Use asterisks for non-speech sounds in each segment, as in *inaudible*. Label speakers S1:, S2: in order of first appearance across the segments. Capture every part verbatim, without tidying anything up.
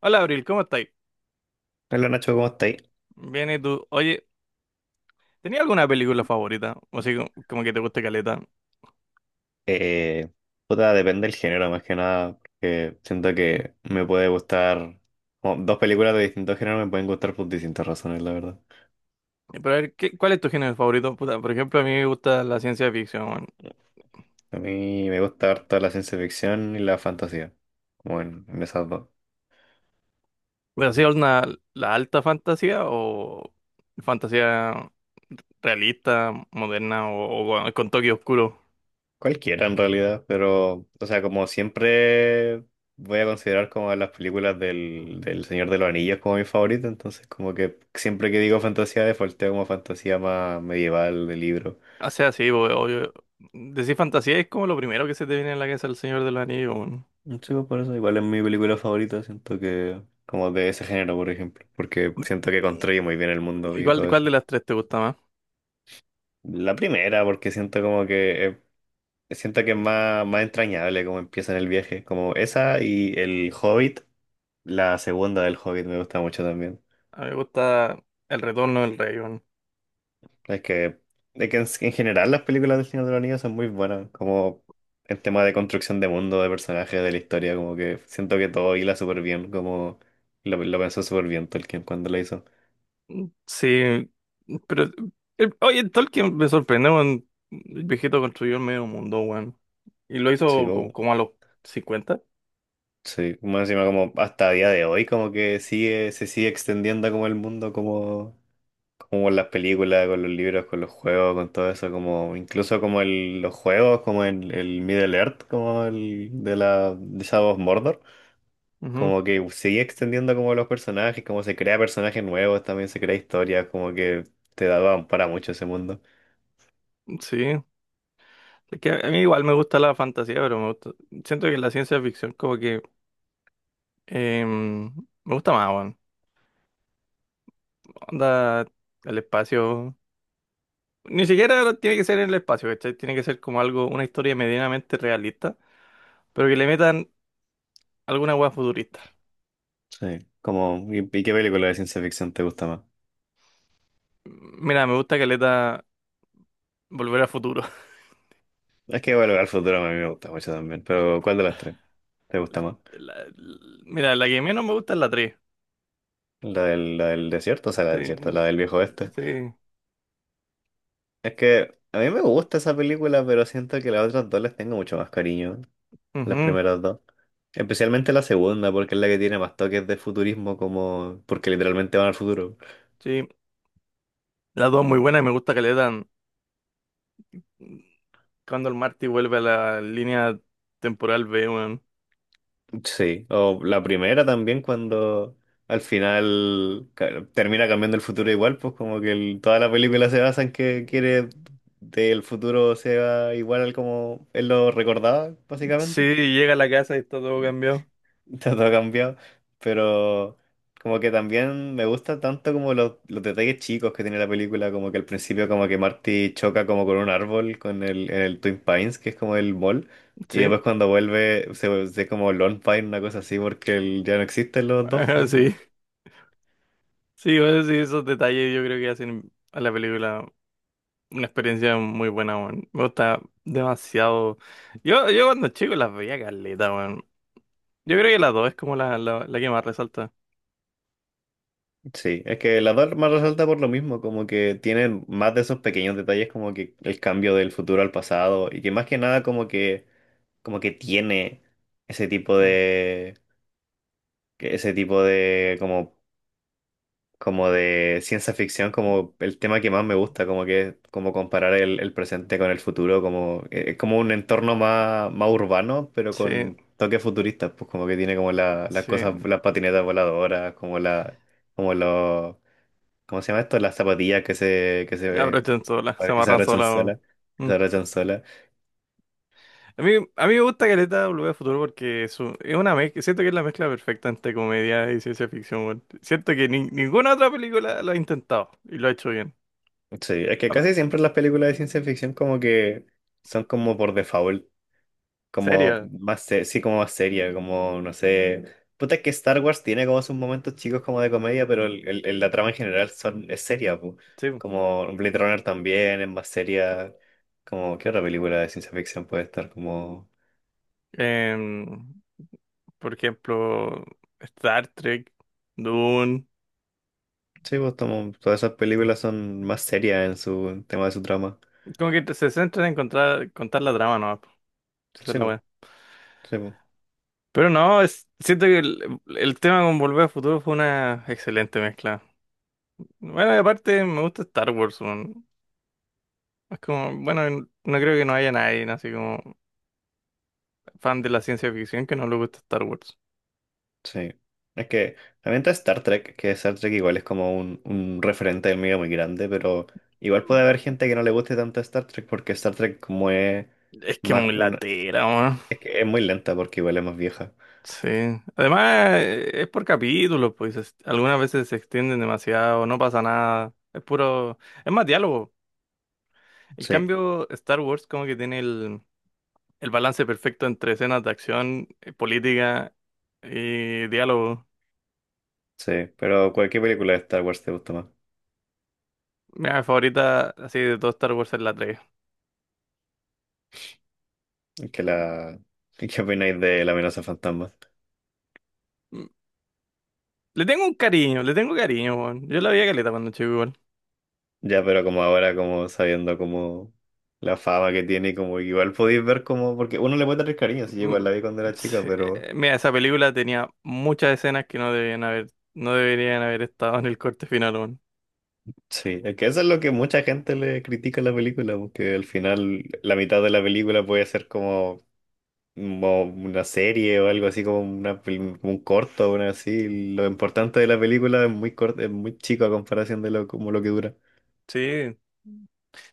S1: Hola Abril, ¿cómo estáis?
S2: Hola Nacho, ¿cómo estáis?
S1: Bien, ¿y tú? Oye, ¿tenías alguna película favorita? O así como, como que te guste caleta.
S2: Eh, puta, depende del género más que nada, porque siento que me puede gustar, como dos películas de distintos géneros me pueden gustar por distintas razones, la verdad.
S1: Eh, Pero a ver, ¿qué- cuál es tu género favorito? Puta, por ejemplo, a mí me gusta la ciencia ficción, weón.
S2: A mí me gusta harto la ciencia ficción y la fantasía, como en, en esas dos.
S1: ¿Pero así una, la alta fantasía o fantasía realista, moderna o, o con con toque oscuro?
S2: Cualquiera en realidad, pero, o sea, como siempre voy a considerar como las películas del, del Señor de los Anillos como mi favorita, entonces como que siempre que digo fantasía, defaulteo como fantasía más medieval de libro.
S1: O sea, sí, bo- obvio. Decir fantasía es como lo primero que se te viene a la cabeza el Señor de los Anillos, weón.
S2: Sí, pues por eso igual es mi película favorita, siento que como de ese género, por ejemplo, porque siento que construye muy bien el mundo
S1: ¿Y
S2: y
S1: cuál,
S2: todo
S1: cuál
S2: eso.
S1: de las tres te gusta más?
S2: La primera, porque siento como que eh, siento que es más, más entrañable como empieza en el viaje, como esa y el Hobbit, la segunda del Hobbit me gusta mucho también.
S1: A mí me gusta El Retorno del Rey.
S2: Es que, es que en, en general las películas del Señor de los Anillos son muy buenas, como en tema de construcción de mundo, de personajes, de la historia, como que siento que todo hila súper bien, como lo, lo pensó súper bien Tolkien cuando lo hizo.
S1: Sí, pero el- oye, Tolkien me sorprende, weón. El viejito construyó el medio mundo, weón. Y lo
S2: Sí,
S1: hizo co-
S2: bo-
S1: como, a los cincuenta.
S2: sí, más encima como hasta día de hoy como que sigue, se sigue extendiendo como el mundo, como, como con las películas, con los libros, con los juegos, con todo eso, como incluso como el, los juegos, como el, el Middle Earth, como el de la de Shadow of Mordor,
S1: Ujú.
S2: como que sigue extendiendo como los personajes, como se crea personajes nuevos, también se crea historias, como que te da para mucho ese mundo.
S1: Sí. Es que a mí igual me gusta la fantasía, pero me gusta. Siento que la ciencia ficción como que em, me gusta más, weón. Onda, el espacio. Ni siquiera tiene que ser en el espacio, ¿cachai? Tiene que ser como algo, una historia medianamente realista, pero que le metan alguna weá futurista.
S2: Sí, como, ¿y, y qué película de ciencia ficción te gusta más?
S1: Mira, me gusta que le da Volver al Futuro.
S2: Es que Volver al Futuro a mí me gusta mucho también, pero ¿cuál de las tres te gusta
S1: La-
S2: más?
S1: la- l- mira, la que menos me gusta es la tres.
S2: La del, la del desierto, o sea, la
S1: Sí,
S2: del desierto, la del viejo
S1: mm,
S2: oeste.
S1: sí,
S2: Es que a mí me gusta esa película, pero siento que las otras dos les tengo mucho más cariño, las
S1: ujú,
S2: primeras dos. Especialmente la segunda, porque es la que tiene más toques de futurismo, como porque literalmente van al futuro.
S1: sí. La dos muy buena y me gusta que le dan cuando el Marty vuelve a la línea temporal B, weón.
S2: Sí, o la primera también cuando al final ca- termina cambiando el futuro igual, pues como que el- toda la película se basa en que quiere que el futuro sea igual al como él lo recordaba,
S1: Sí,
S2: básicamente.
S1: llega a la casa y está todo cambiado.
S2: *laughs* Está todo cambiado, pero como que también me gusta tanto como los, los detalles chicos que tiene la película, como que al principio como que Marty choca como con un árbol con el, en el Twin Pines, que es como el mall, y
S1: Sí, *laughs*
S2: después cuando vuelve se, se como Lone Pine, una cosa así, porque el- ya no existen los dos, po,
S1: ajá,
S2: no.
S1: sí. Sí, bueno, sí, esos detalles yo creo que hacen a la película una experiencia muy buena, weón. Me gusta demasiado. Yo, yo cuando chico las veía caleta, weón. Yo creo que la dos es como la, la, la que más resalta.
S2: Sí, es que la dos más resalta por lo mismo, como que tienen más de esos pequeños detalles como que el cambio del futuro al pasado, y que más que nada como que, como que tiene ese tipo
S1: Mm.
S2: de que ese tipo de como como de ciencia ficción como el tema que más me gusta como que como comparar el, el presente con el futuro como eh, es como un entorno más más urbano pero
S1: Sí.
S2: con toques futuristas pues como que tiene como la- las
S1: Sí,
S2: cosas las patinetas voladoras como la como los ¿cómo se llama esto? Las zapatillas que se que se
S1: aprovechan sola, se
S2: que se
S1: amarran
S2: abrochan
S1: sola, weón.
S2: solas que se
S1: Mm.
S2: abrochan solas
S1: A mí, a mí me gusta Caleta Volver al Futuro porque es, un- es una mezcla, siento que es la mezcla perfecta entre comedia y ciencia ficción, weón. Siento que ni- ninguna otra película lo ha intentado y lo ha hecho bien.
S2: Sí, es que
S1: Ah.
S2: casi siempre las películas de ciencia ficción como que son como por default. Como
S1: Seria,
S2: más, se- sí, como más seria, como, no sé. Puta, es que Star Wars tiene como sus momentos chicos como de comedia, pero el, el- el- la trama en general son, es seria, pu.
S1: sí.
S2: Como Blade Runner también es más seria. Como, ¿qué otra película de ciencia ficción puede estar como...?
S1: Em, por ejemplo, Star Trek, Dune,
S2: Sí, pues, como todas esas películas son más serias en su en tema de su trama.
S1: como que se centran en encontrar, contar la trama, ¿no? Esa es
S2: Sí,
S1: la
S2: pues,
S1: weá.
S2: sí, pues.
S1: Pero no, es- siento que el, el tema con Volver al Futuro fue una excelente mezcla. Bueno, y aparte me gusta Star Wars, weón. Es como, bueno, n- no creo que no haya nadie, ¿no? Así como fan de la ciencia ficción que no le guste Star Wars.
S2: Sí. Es que también está Star Trek, que Star Trek igual es como un, un referente del medio muy grande, pero igual puede haber gente que no le guste tanto Star Trek porque Star Trek como es
S1: Es que
S2: más
S1: muy
S2: una...
S1: latera, weón.
S2: Es que es muy lenta porque igual es más vieja.
S1: Sí. Además, eh, es por capítulos, pues. es- Algunas veces se extienden demasiado, no pasa nada. Es puro. Es más diálogo. En
S2: Sí,
S1: cambio, Star Wars como que tiene el, el balance perfecto entre escenas de acción, eh, política y diálogo.
S2: sí. Pero cualquier película de Star Wars te gusta más.
S1: Mi favorita así de todo Star Wars es la tres.
S2: Que la... *laughs* ¿Qué opináis de La amenaza fantasma?
S1: Le tengo un cariño, le tengo cariño, weón. Yo la veía caleta cuando chico igual.
S2: Ya, pero como ahora, como sabiendo como la fama que tiene, y como igual podéis ver como... Porque uno le puede tener cariño, si yo igual la
S1: Mm,
S2: vi cuando era chica,
S1: sí,
S2: pero...
S1: eh, mira, esa película tenía muchas escenas que no debían haber, no deberían haber estado en el corte final, weón.
S2: Sí, es que eso es lo que mucha gente le critica a la película, porque al final la mitad de la película puede ser como, como una serie o algo así, como, una, pel- como un corto o una así. Lo importante de la película es muy corto, es muy chico a comparación de lo, como lo que dura.
S1: Sí. De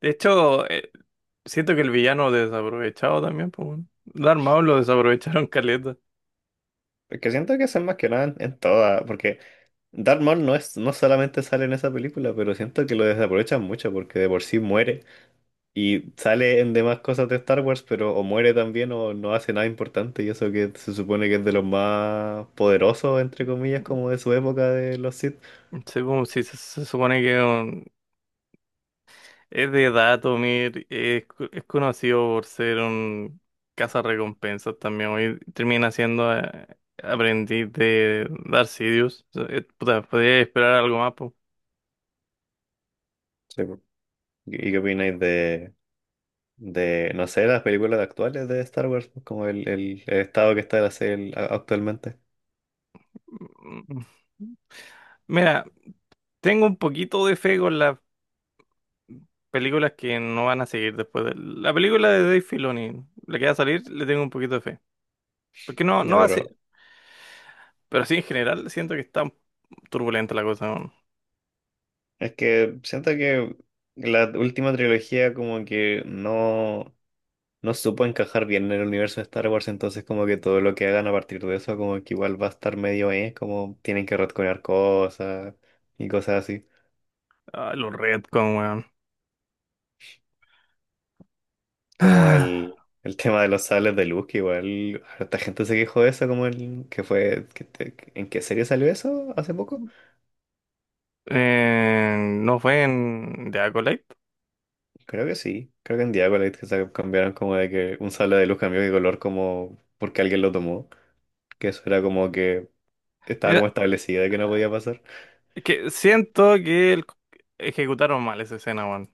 S1: hecho, eh, siento que el villano desaprovechado también, pues, weón. Darth Maul lo desaprovecharon *laughs* caleta.
S2: Es que siento que eso es más que nada en, en toda, porque Darth Maul no es, no solamente sale en esa película, pero siento que lo desaprovechan mucho porque de por sí muere. Y sale en demás cosas de Star Wars, pero o muere también o no hace nada importante. Y eso que se supone que es de los más poderosos, entre comillas, como de su época de los Sith.
S1: Sí, como si se, se supone que es un- Es de Datomir, es, co- es conocido por ser un cazarrecompensas también. Hoy termina siendo eh, aprendiz de Darth Sidious. O sea, eh, puta, podría esperar algo más, po.
S2: Sí, po. ¿Y qué opináis de, de, no sé, las películas actuales de Star Wars? Pues, como el, el- el estado que está la serie a- actualmente.
S1: Mm. Mira, tengo un poquito de fe con las películas que no van a seguir después de la película de Dave Filoni, la que va a salir, le tengo un poquito de fe. Porque no,
S2: Ya,
S1: no va a ser,
S2: pero
S1: pero sí en general siento que está turbulenta la cosa, weón.
S2: es que siento que la última trilogía como que no... No supo encajar bien en el universo de Star Wars, entonces como que todo lo que hagan a partir de eso como que igual va a estar medio, eh, como tienen que retconear cosas y cosas así,
S1: Ah, los retcon, weón.
S2: como
S1: *sighs*
S2: el, el tema de los sables de luz, que igual harta gente se quejó de eso, como el que fue, que te- ¿en qué serie salió eso hace poco?
S1: Eh, no fue en The Acolyte.
S2: Creo que sí, creo que en Diabolite que se cambiaron como de que un sable de luz cambió de color como porque alguien lo tomó, que eso era como que estaba
S1: Mira,
S2: como establecido de que no podía pasar.
S1: es que siento que el- ejecutaron mal esa escena, weón.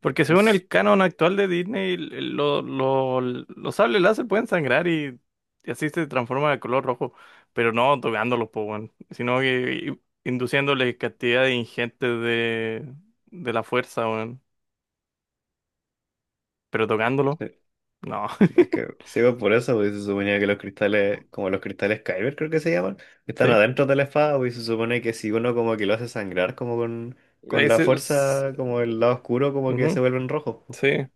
S1: Porque según el canon actual de Disney, el- el- lo- lo- los sables láser pueden sangrar y, y así se transforma de color rojo. Pero no tocándolos, po, weón. Sino que induciéndoles cantidad de ingentes de, de la fuerza, weón. Pero tocándolo, no.
S2: Es que
S1: *laughs*
S2: sí, pues, por eso, pues, se suponía que los cristales, como los cristales Kyber creo que se llaman, que están
S1: Sí.
S2: adentro de la espada, pues, y se supone que si uno como que lo hace sangrar como con, con
S1: Ahí
S2: la
S1: se- s-
S2: fuerza, como el lado oscuro, como que
S1: ujú,
S2: se vuelven rojos, pues.
S1: sí.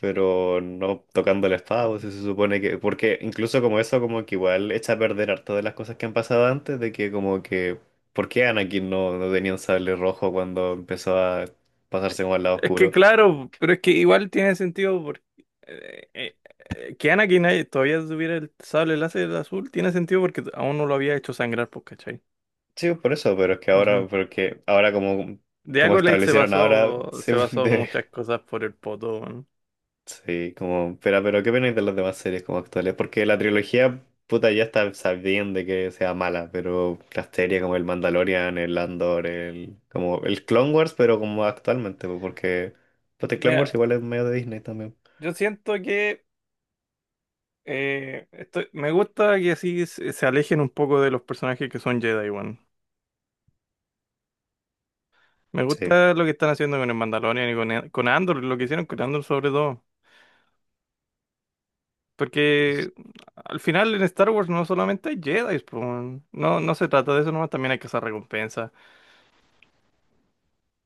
S2: Pero no tocando la espada, pues, se supone que, porque incluso como eso como que igual echa a perder harto de las cosas que han pasado antes, de que como que, ¿por qué Anakin no, no tenía un sable rojo cuando empezó a pasarse como al lado
S1: Es que
S2: oscuro?
S1: claro, pero es que igual tiene sentido porque eh, eh, eh, que Anakin ahí todavía tuviera el sable láser azul, tiene sentido porque aún no lo había hecho sangrar, pues, ¿cachai?
S2: Sí, por eso, pero es que ahora,
S1: Ujú.
S2: porque ahora como,
S1: De
S2: como
S1: Acolyte se
S2: establecieron ahora, *laughs*
S1: basó,
S2: se
S1: se basó
S2: debe-
S1: muchas cosas por el poto, ¿no?
S2: sí, como, pero, pero ¿qué opináis de las demás series como actuales? Porque la trilogía, puta, ya está sabiendo de que sea mala, pero las series como el Mandalorian, el Andor, el, como el Clone Wars, pero como actualmente, pues, porque, pues el Clone Wars
S1: Mira,
S2: igual es medio de Disney también.
S1: yo siento que eh, estoy- me gusta que así se, se alejen un poco de los personajes que son Jedi, weón. Me
S2: Sí,
S1: gusta lo que están haciendo con el Mandalorian y con, con Andor, lo que hicieron con Andor sobre todo. Porque al final en Star Wars no solamente hay Jedi, po, weón. no, no se trata de eso nomás, también hay que hacer recompensas.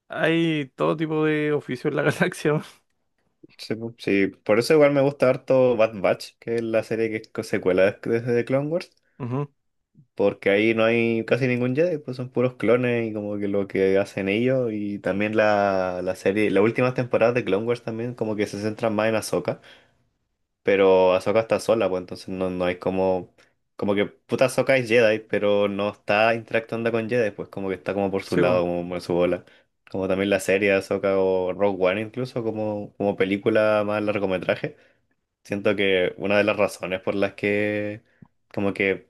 S1: Hay todo tipo de oficios en la *laughs* galaxia, weón.
S2: sí, pu- sí, por eso igual me gusta harto Bad Batch, que es la serie que es co- secuela de de Clone Wars.
S1: Ujú.
S2: Porque ahí no hay casi ningún Jedi, pues son puros clones y como que lo que hacen ellos. Y también la, la serie, las últimas temporadas de Clone Wars también como que se centran más en Ahsoka. Pero Ahsoka está sola, pues entonces no, no hay como... Como que puta Ahsoka es Jedi, pero no está interactuando con Jedi, pues como que está como por su
S1: Sí,
S2: lado,
S1: weón.
S2: como en su bola. Como también la serie de Ahsoka o Rogue One incluso, como, como película más largometraje. Siento que una de las razones por las que como que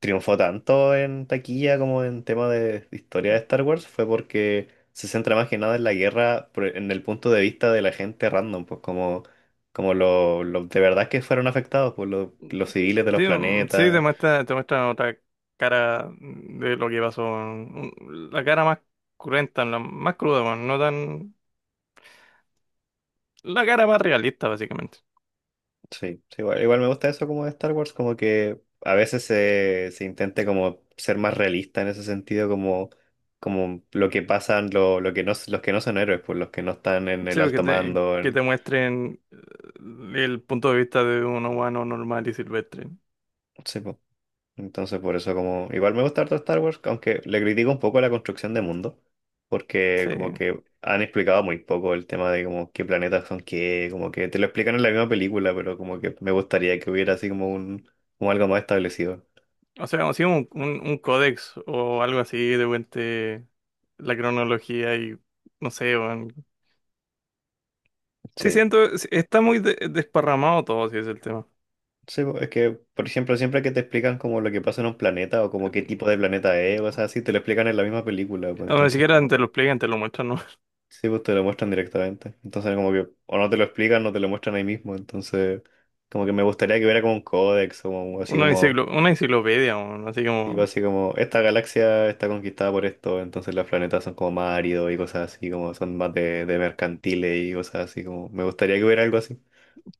S2: triunfó tanto en taquilla como en tema de historia de Star Wars fue porque se centra más que nada en la guerra, por- en el punto de vista de la gente random, pues como, como los de verdad que fueron afectados, pues los, los civiles de los
S1: Sí, mm, sí, te
S2: planetas.
S1: muestra, te muestra otra cara de lo que pasó, weón. Un- La cara más cruenta, la más cruda, weón, no tan... La cara más realista, básicamente.
S2: Sí, sí, igual, igual me gusta eso como de Star Wars, como que a veces se, se intente como ser más realista en ese sentido, como, como lo que pasan, lo, lo que no, los que no son héroes, pues los que no están en
S1: Sí,
S2: el
S1: porque
S2: alto
S1: te,
S2: mando.
S1: que
S2: en-
S1: te muestren eh, el punto de vista de un humano normal y silvestre.
S2: sí, pues. Entonces, por eso como... Igual me gusta harto Star Wars, aunque le critico un poco la construcción de mundo, porque
S1: Sí.
S2: como que han explicado muy poco el tema de como qué planetas son qué, como que te lo explican en la misma película, pero como que me gustaría que hubiera así como un, como algo más establecido.
S1: O sea, así un, un, un códex o algo así de vuelta la cronología y no sé, weón. Sí
S2: Sí.
S1: siento, sí, está muy de- desparramado todo, si es el tema.
S2: Sí, po, es que, por ejemplo, siempre que te explican como lo que pasa en un planeta o como qué tipo de planeta es, o sea, así te lo explican en la misma película, pues
S1: No, ni
S2: entonces
S1: siquiera
S2: como
S1: te
S2: que
S1: lo explican, te lo muestran, ¿no? *laughs*
S2: sí, pues te lo muestran directamente. Entonces, como que, o no te lo explican, no te lo muestran ahí mismo. Entonces, como que me gustaría que hubiera como un códex, o como- así
S1: Una
S2: como,
S1: enciclo- una enciclopedia, weón, así
S2: tipo
S1: como,
S2: así como, esta galaxia está conquistada por esto, entonces los planetas son como más áridos y cosas así, como son más de, de mercantiles y cosas así, como, me gustaría que hubiera algo así.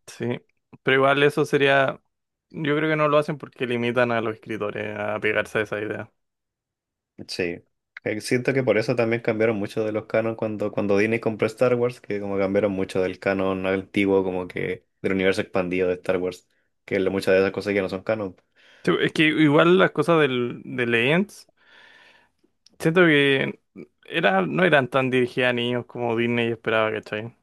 S1: sí. Pero igual eso sería, yo creo que no lo hacen porque limitan a los escritores a pegarse a esa idea.
S2: Sí. Eh, siento que por eso también cambiaron mucho de los canon cuando, cuando Disney compró Star Wars, que como cambiaron mucho del canon antiguo, como que del universo expandido de Star Wars, que lo- muchas de esas cosas ya no son canon.
S1: Sí. Es que igual las cosas del, de Legends, siento que era, no eran tan dirigidas a niños como Disney esperaba, ¿cachai?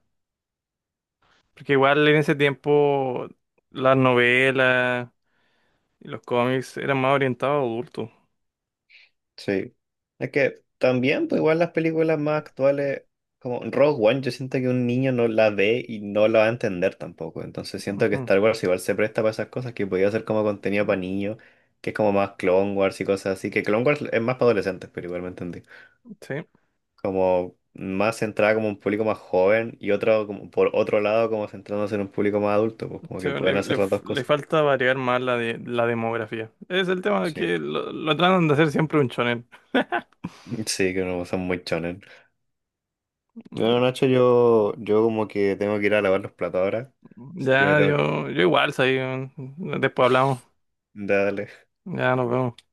S1: Porque igual en ese tiempo las novelas y los cómics eran más orientados a adultos.
S2: Sí. Es que también, pues igual las películas más actuales, como Rogue One, yo siento que un niño no la ve y no la va a entender tampoco. Entonces siento que
S1: Ujú.
S2: Star Wars igual se presta para esas cosas que podía ser como contenido para niños, que es como más Clone Wars y cosas así, que Clone Wars es más para adolescentes, pero igual me entendí.
S1: Sí,
S2: Como más centrada como un público más joven y otro, como por otro lado, como centrándose en un público más adulto, pues como
S1: sí,
S2: que pueden
S1: le, le
S2: hacer las
S1: f-
S2: dos
S1: le
S2: cosas.
S1: falta variar más la, de, la demografía. Es el tema de
S2: Sí.
S1: que lo, lo tratan de hacer siempre un shonen.
S2: *laughs* Sí, que no son muy chonen. Bueno, Nacho, yo, yo como que tengo que ir a lavar los platos ahora, así que me
S1: Ya,
S2: tengo que...
S1: yo, yo igual, soy un- Después hablamos.
S2: Dale.
S1: Ya nos vemos.